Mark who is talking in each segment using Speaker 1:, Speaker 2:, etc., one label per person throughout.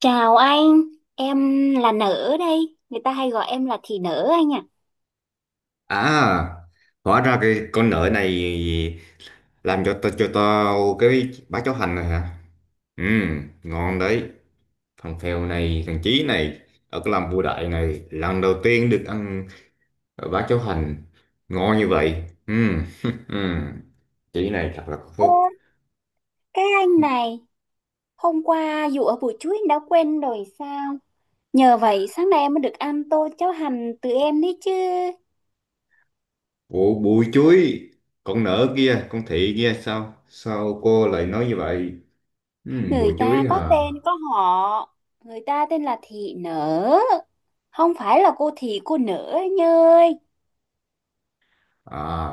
Speaker 1: Chào anh, em là Nở đây, người ta hay gọi em là Thị Nở anh ạ.
Speaker 2: À, hóa ra cái con nợ này làm cho tao cái bá cháo hành này hả? Ừ, ngon đấy. Thằng Phèo này, thằng Chí này, ở cái làm vua đại này, lần đầu tiên được ăn bá cháo hành ngon như vậy. Ừ, ừ. Chí này thật là có
Speaker 1: Ô,
Speaker 2: phúc.
Speaker 1: cái anh này, hôm qua dù ở buổi trưa anh đã quên rồi sao? Nhờ vậy sáng nay em mới được ăn tô cháo hành từ em đấy chứ.
Speaker 2: Ủa, bụi chuối, con nợ kia, con thị kia sao? Sao cô lại nói như vậy? Ừ, bụi
Speaker 1: Người ta
Speaker 2: chuối
Speaker 1: có
Speaker 2: à?
Speaker 1: tên có họ, người ta tên là Thị Nở, không phải là cô Thị cô Nở anh ơi.
Speaker 2: À,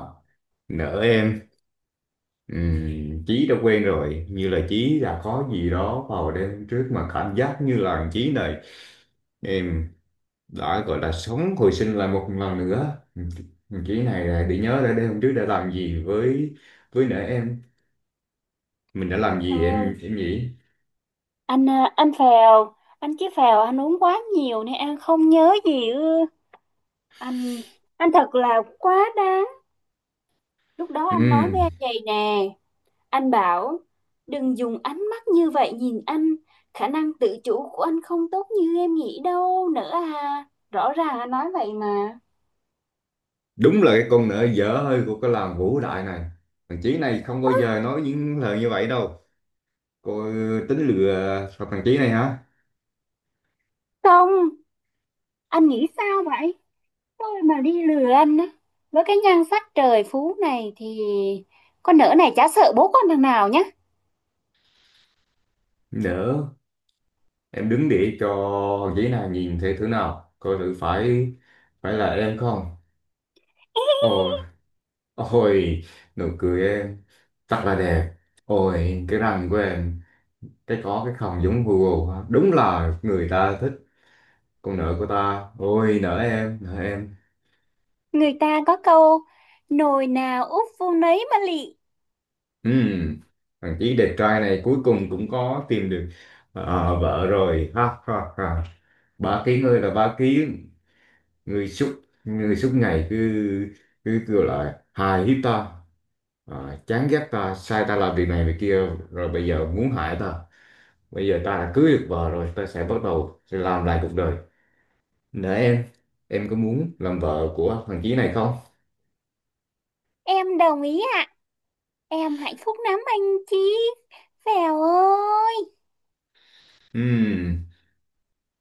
Speaker 2: nợ em. Ừ, Chí đã quen rồi như là Chí đã có gì đó vào đêm trước mà cảm giác như là Chí này em đã gọi là sống hồi sinh lại một lần nữa. Ừ, Chí này là để nhớ ra đêm hôm trước đã làm gì với nợ em, mình đã làm gì,
Speaker 1: Thôi,
Speaker 2: em nghĩ
Speaker 1: anh à, anh phèo, anh chí phèo anh uống quá nhiều nên anh không nhớ gì ư. Anh, anh thật là quá đáng. Lúc đó
Speaker 2: ừ,
Speaker 1: anh nói với em vậy nè, anh bảo đừng dùng ánh mắt như vậy nhìn anh, khả năng tự chủ của anh không tốt như em nghĩ đâu nữa à. Rõ ràng anh nói vậy mà.
Speaker 2: đúng là cái con nợ dở hơi của cái làng Vũ Đại này. Thằng Chí này không bao giờ nói những lời như vậy đâu. Cô tính lừa thằng Chí này hả?
Speaker 1: Không, anh nghĩ sao vậy? Tôi mà đi lừa anh á, với cái nhan sắc trời phú này thì con nỡ này chả sợ bố con thằng nào nhá.
Speaker 2: Nỡ, em đứng để cho ghế nào nhìn thấy thứ nào coi thử phải phải là em không? Ôi, ôi, nụ cười em thật là đẹp, ôi cái răng của em, cái có cái khòng giống Google ha. Đúng là người ta thích con nợ của ta, ôi nợ em, nợ em.
Speaker 1: Người ta có câu nồi nào úp vô nấy mà lị.
Speaker 2: Ừm, thằng chí đẹp trai này cuối cùng cũng có tìm được ờ, vợ rồi, ha ha ha. Ba ký ngươi là ba ký, người suốt người suốt ngày cứ cứ kêu là hài hiếp ta, à, chán ghét ta, sai ta làm việc này việc kia, rồi bây giờ muốn hại ta. Bây giờ ta đã cưới được vợ rồi, ta sẽ bắt đầu sẽ làm lại cuộc đời. Nè em có muốn làm vợ của thằng chí này không?
Speaker 1: Em đồng ý ạ, em hạnh phúc lắm anh chị. Vèo ơi.
Speaker 2: Ừm,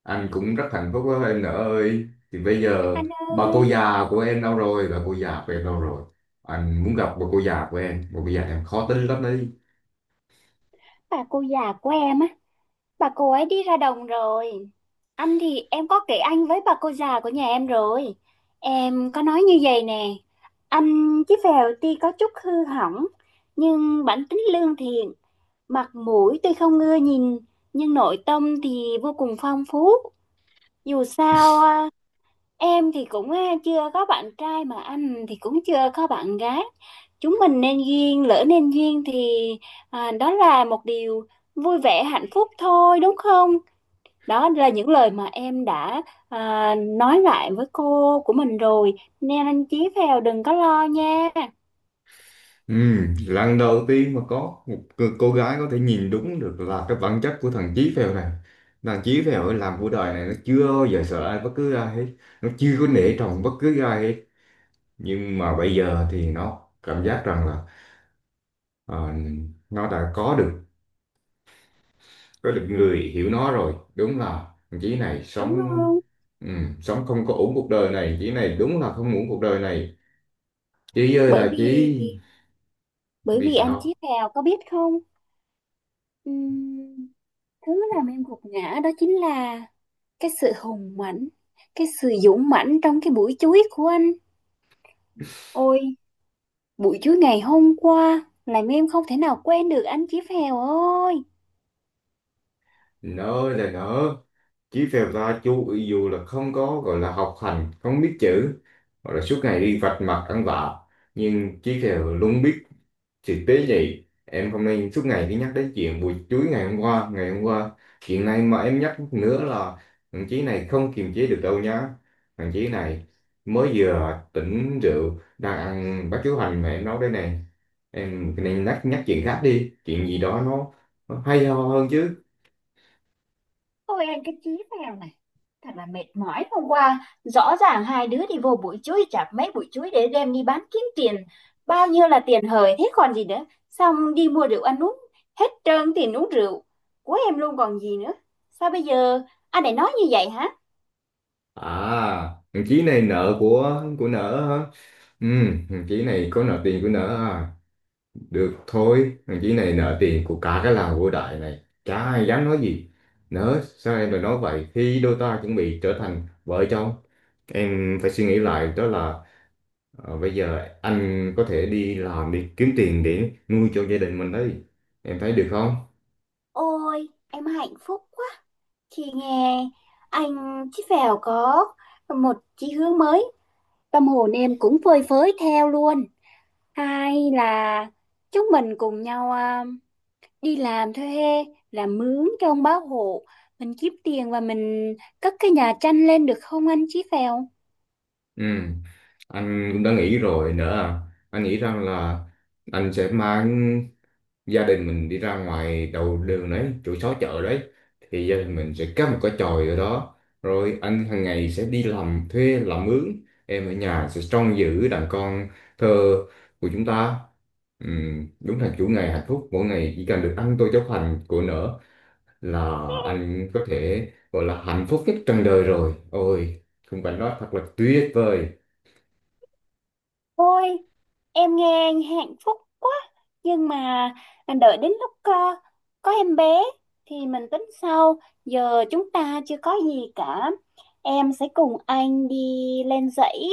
Speaker 2: anh cũng rất hạnh phúc đó em, nữa ơi thì bây giờ
Speaker 1: Anh
Speaker 2: bà cô
Speaker 1: ơi,
Speaker 2: già của em đâu rồi bà cô già của em đâu rồi Anh muốn gặp bà cô già của em, bà cô già em khó tính lắm đấy.
Speaker 1: bà cô già của em á, bà cô ấy đi ra đồng rồi. Anh thì em có kể anh với bà cô già của nhà em rồi. Em có nói như vậy nè, anh chí phèo tuy có chút hư hỏng, nhưng bản tính lương thiện, mặt mũi tuy không ưa nhìn, nhưng nội tâm thì vô cùng phong phú. Dù sao em thì cũng chưa có bạn trai mà anh thì cũng chưa có bạn gái. Chúng mình nên duyên, lỡ nên duyên thì đó là một điều vui vẻ, hạnh phúc thôi đúng không? Đó là những lời mà em đã nói lại với cô của mình rồi. Nên anh Chí Phèo đừng có lo nha,
Speaker 2: Ừ, lần đầu tiên mà có một cô gái có thể nhìn đúng được là cái bản chất của thằng Chí Phèo này. Thằng Chí Phèo ấy làm cuộc đời này nó chưa bao giờ sợ ai, bất cứ ai hết. Nó chưa có nể trọng bất cứ ai hết. Nhưng mà bây giờ thì nó cảm giác rằng là ờ, nó đã có được người hiểu nó rồi. Đúng là thằng Chí này
Speaker 1: đúng
Speaker 2: sống
Speaker 1: không?
Speaker 2: ừ, sống không có ổn cuộc đời này. Chí này đúng là không ổn cuộc đời này. Chí ơi
Speaker 1: Bởi
Speaker 2: là
Speaker 1: vì
Speaker 2: Chí.
Speaker 1: bởi
Speaker 2: Vì
Speaker 1: vì anh
Speaker 2: sao?
Speaker 1: Chí Phèo có biết không? Ừm, thứ làm em gục ngã đó chính là cái sự hùng mạnh, cái sự dũng mãnh trong cái buổi chuối của anh. Ôi, buổi chuối ngày hôm qua làm em không thể nào quên được anh Chí Phèo ơi.
Speaker 2: Nỡ là nỡ. Chí phèo ta chú ví dụ là không có gọi là học hành, không biết chữ, gọi là suốt ngày đi vạch mặt ăn vạ, nhưng chí phèo luôn biết sự tế nhị. Em không nên suốt ngày đi nhắc đến chuyện buổi chuối ngày hôm qua. Chuyện này mà em nhắc nữa là thằng Chí này không kiềm chế được đâu nhá. Thằng Chí này mới vừa tỉnh rượu, đang ăn bát cháo hành mà em nấu đây này. Em nên nhắc nhắc chuyện khác đi, chuyện gì đó nó hay ho hơn chứ.
Speaker 1: Ôi anh cái chí phèo này, thật là mệt mỏi. Hôm qua rõ ràng hai đứa đi vô bụi chuối, chặt mấy bụi chuối để đem đi bán kiếm tiền. Bao nhiêu là tiền hời thế còn gì nữa. Xong đi mua rượu ăn uống, hết trơn tiền uống rượu của em luôn còn gì nữa. Sao bây giờ anh lại nói như vậy hả?
Speaker 2: À, thằng Chí này nợ của nợ hả? Ừ, thằng Chí này có nợ tiền của nợ à? Được thôi, thằng Chí này nợ tiền của cả cái làng vô đại này. Chả ai dám nói gì. Nỡ, sao em lại nói vậy? Khi đôi ta chuẩn bị trở thành vợ chồng, em phải suy nghĩ lại, đó là ờ, bây giờ anh có thể đi làm đi kiếm tiền để nuôi cho gia đình mình đấy. Em thấy được không?
Speaker 1: Ôi em hạnh phúc quá. Chị nghe anh Chí Phèo có một chí hướng mới, tâm hồn em cũng phơi phới theo luôn. Hay là chúng mình cùng nhau đi làm thuê, làm mướn cho ông bá hộ, mình kiếm tiền và mình cất cái nhà tranh lên được không anh Chí Phèo?
Speaker 2: Ừ, anh cũng đã nghĩ rồi nữa à. Anh nghĩ rằng là anh sẽ mang gia đình mình đi ra ngoài đầu đường đấy, chỗ xó chợ đấy, thì gia đình mình sẽ cắm một cái chòi ở đó, rồi anh hàng ngày sẽ đi làm thuê làm mướn, em ở nhà sẽ trông giữ đàn con thơ của chúng ta. Đúng là chủ ngày hạnh phúc, mỗi ngày chỉ cần được ăn tô cháo hành của nở là anh có thể gọi là hạnh phúc nhất trần đời rồi. Ôi khung cảnh đó thật là tuyệt vời.
Speaker 1: Ôi, em nghe anh hạnh phúc quá. Nhưng mà đợi đến lúc có em bé thì mình tính sau. Giờ chúng ta chưa có gì cả. Em sẽ cùng anh đi lên dãy,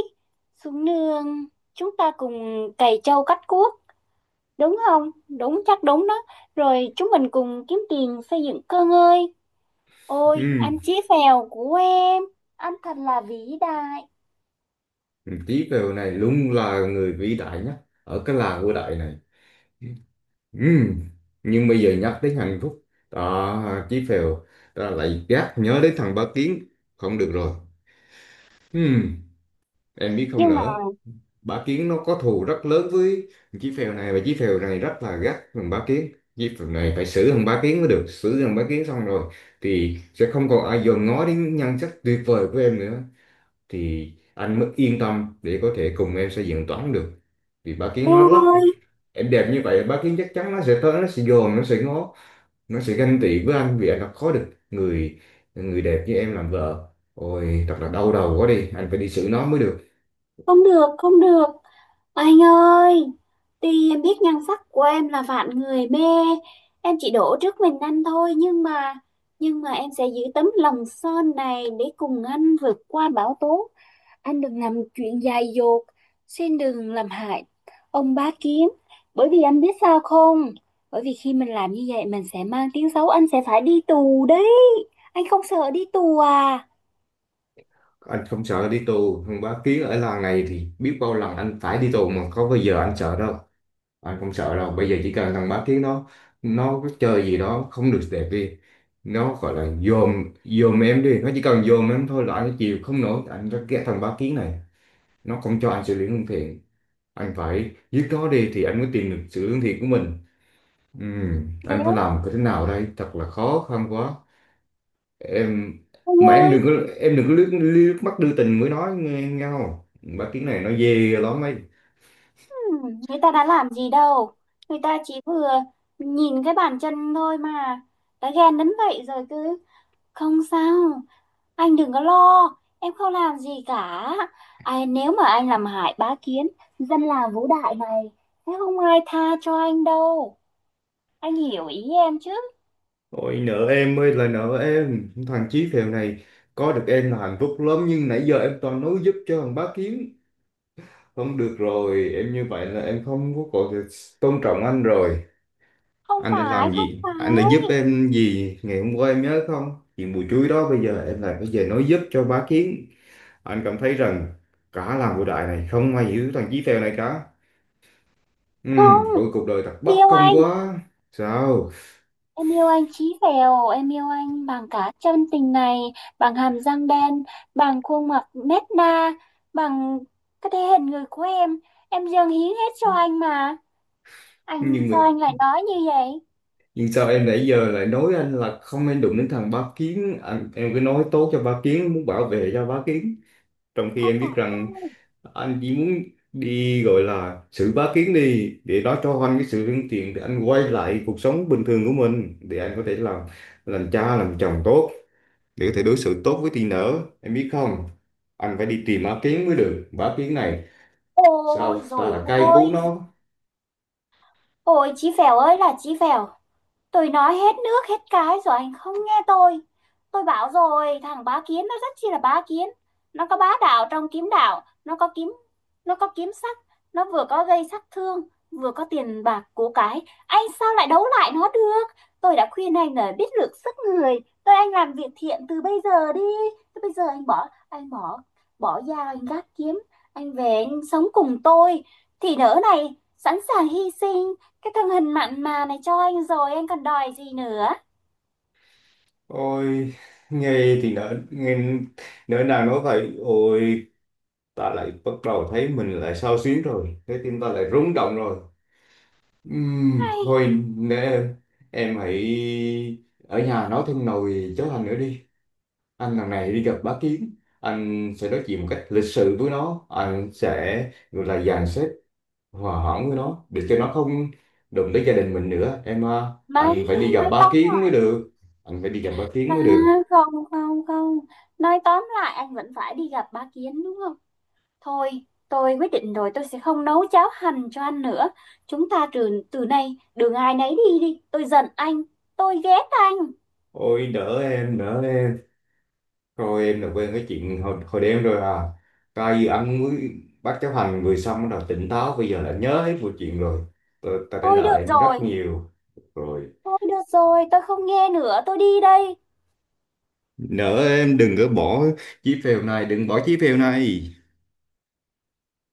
Speaker 1: xuống nương. Chúng ta cùng cày trâu cắt cuốc. Đúng không? Đúng, chắc đúng đó. Rồi chúng mình cùng kiếm tiền xây dựng cơ ngơi. Ôi,
Speaker 2: Ừm,
Speaker 1: anh chí phèo của em. Anh thật là vĩ đại.
Speaker 2: Tí Tý Phèo này luôn là người vĩ đại nhất ở cái làng vĩ đại này. Ừm, Nhưng bây giờ nhắc đến Hàn Phúc đó, Chí Phèo ta lại gác nhớ đến thằng Bá Kiến, không được rồi. Ừm, em biết không
Speaker 1: Nhưng mà
Speaker 2: nữa, Bá Kiến nó có thù rất lớn với Chí Phèo này, và Chí Phèo này rất là gắt thằng Bá Kiến. Chí Phèo này phải xử thằng Bá Kiến mới được, xử thằng Bá Kiến xong rồi thì sẽ không còn ai dòm ngó đến nhan sắc tuyệt vời của em nữa, thì anh mới yên tâm để có thể cùng em xây dựng toán được. Vì Bá Kiến nó
Speaker 1: em
Speaker 2: lắc,
Speaker 1: ơi,
Speaker 2: em đẹp như vậy Bá Kiến chắc chắn nó sẽ tới, nó sẽ dòm, nó sẽ ngó, nó sẽ ganh tị với anh vì anh đã có được người người đẹp như em làm vợ. Ôi thật là đau đầu quá đi, anh phải đi xử nó mới được.
Speaker 1: không được, không được. Anh ơi, tuy em biết nhan sắc của em là vạn người mê, em chỉ đổ trước mình anh thôi, nhưng mà em sẽ giữ tấm lòng son này để cùng anh vượt qua bão tố. Anh đừng làm chuyện dại dột, xin đừng làm hại ông bá kiến. Bởi vì anh biết sao không? Bởi vì khi mình làm như vậy mình sẽ mang tiếng xấu, anh sẽ phải đi tù đấy. Anh không sợ đi tù à?
Speaker 2: Anh không sợ đi tù không, bá kiến ở làng này thì biết bao lần anh phải đi tù mà có bao giờ anh sợ đâu. Anh không sợ đâu, bây giờ chỉ cần thằng bá kiến nó có chơi gì đó không được đẹp đi, nó gọi là dòm dòm em đi, nó chỉ cần dòm em thôi là anh chịu không nổi. Anh rất ghét thằng bá kiến này, nó không cho anh xử lý lương thiện. Anh phải giết nó đi thì anh mới tìm được sự lương thiện của mình. Ừ, anh phải
Speaker 1: Nếu
Speaker 2: làm cái thế nào đây, thật là khó khăn quá. Em
Speaker 1: anh
Speaker 2: mà em
Speaker 1: ơi.
Speaker 2: đừng có em đừng có liếc mắt đưa tình mới nói nghe nhau, bác tiếng này nó ghê lắm ấy.
Speaker 1: Ừ, người ta đã làm gì đâu, người ta chỉ vừa nhìn cái bàn chân thôi mà đã ghen đến vậy rồi. Cứ không sao, anh đừng có lo, em không làm gì cả ai. Nếu mà anh làm hại bá kiến, dân làng Vũ Đại này sẽ không ai tha cho anh đâu, anh hiểu ý em chứ?
Speaker 2: Ôi nợ em ơi là nợ em, thằng Chí phèo này có được em là hạnh phúc lắm, nhưng nãy giờ em toàn nói giúp cho thằng bác kiến, không được rồi. Em như vậy là em không có còn được tôn trọng anh rồi.
Speaker 1: không
Speaker 2: Anh đã
Speaker 1: phải
Speaker 2: làm
Speaker 1: không
Speaker 2: gì,
Speaker 1: phải
Speaker 2: anh đã giúp em gì ngày hôm qua em nhớ không, chuyện bùi chuối đó, bây giờ em lại bây giờ nói giúp cho bá kiến. Anh cảm thấy rằng cả làng cổ đại này không ai hiểu thằng Chí Phèo này cả. Ừ,
Speaker 1: không.
Speaker 2: ôi cuộc đời thật bất
Speaker 1: Điều
Speaker 2: công
Speaker 1: anh,
Speaker 2: quá. Sao
Speaker 1: em yêu anh chí phèo, em yêu anh bằng cả chân tình này, bằng hàm răng đen, bằng khuôn mặt nét na, bằng cái thể hình người của em. Em dâng hiến hết cho anh mà. Anh
Speaker 2: nhưng mà,
Speaker 1: sao anh lại nói như vậy?
Speaker 2: nhưng sao em nãy giờ lại nói anh là không nên đụng đến thằng Bá Kiến, anh, em cứ nói tốt cho Bá Kiến, muốn bảo vệ cho Bá Kiến, trong khi
Speaker 1: Không
Speaker 2: em biết
Speaker 1: phải
Speaker 2: rằng
Speaker 1: đâu.
Speaker 2: anh chỉ muốn đi gọi là xử Bá Kiến đi, để nó cho anh cái sự lương thiện, để anh quay lại cuộc sống bình thường của mình, để anh có thể làm cha làm chồng tốt, để có thể đối xử tốt với teen nữa, em biết không? Anh phải đi tìm á kiến mới được, bá kiến này
Speaker 1: Ôi
Speaker 2: sao ta
Speaker 1: rồi
Speaker 2: là cay
Speaker 1: ôi,
Speaker 2: cú nó.
Speaker 1: ôi chí phèo ơi là chí phèo. Tôi nói hết nước hết cái rồi anh không nghe tôi. Tôi bảo rồi, thằng bá kiến nó rất chi là bá kiến. Nó có bá đạo trong kiếm đạo, nó có kiếm sắc, nó vừa có gây sát thương, vừa có tiền bạc của cái. Anh sao lại đấu lại nó được? Tôi đã khuyên anh là biết lượng sức người. Tôi anh làm việc thiện từ bây giờ đi. Thế bây giờ anh bỏ bỏ dao anh gác kiếm, anh về anh sống cùng tôi thì nỡ này sẵn sàng hy sinh cái thân hình mặn mà này cho anh rồi anh còn đòi gì nữa.
Speaker 2: Ôi nghe thì nỡ nghe, nỡ nào nói vậy. Ôi ta lại bắt đầu thấy mình lại xao xuyến rồi, trái tim ta lại rung động rồi.
Speaker 1: Hay
Speaker 2: Thôi nè em hãy ở nhà nói thêm nồi cháo hành nữa đi. Anh lần này đi gặp bá kiến, anh sẽ nói chuyện một cách lịch sự với nó, anh sẽ gọi là dàn xếp, hòa hỏng với nó để cho nó không đụng tới gia đình mình nữa, em à,
Speaker 1: mấy
Speaker 2: anh phải đi gặp
Speaker 1: nói
Speaker 2: bá
Speaker 1: tóm
Speaker 2: kiến mới
Speaker 1: lại,
Speaker 2: được anh phải đi gặp bá kiến
Speaker 1: à,
Speaker 2: mới được
Speaker 1: không không không, nói tóm lại anh vẫn phải đi gặp bá Kiến đúng không? Thôi, tôi quyết định rồi, tôi sẽ không nấu cháo hành cho anh nữa. Chúng ta từ từ nay đường ai nấy đi đi. Tôi giận anh, tôi ghét anh.
Speaker 2: Ôi đỡ em, đỡ em, rồi em là quên cái chuyện hồi đêm rồi à? Coi như anh mới bác chấp hành vừa xong rồi tỉnh táo, bây giờ là nhớ hết mọi chuyện rồi. Tôi đã nợ
Speaker 1: Được
Speaker 2: em
Speaker 1: rồi,
Speaker 2: rất nhiều rồi.
Speaker 1: thôi được rồi, tôi không nghe nữa, tôi đi đây.
Speaker 2: Nợ em đừng có bỏ chí phèo này, đừng bỏ chí phèo này.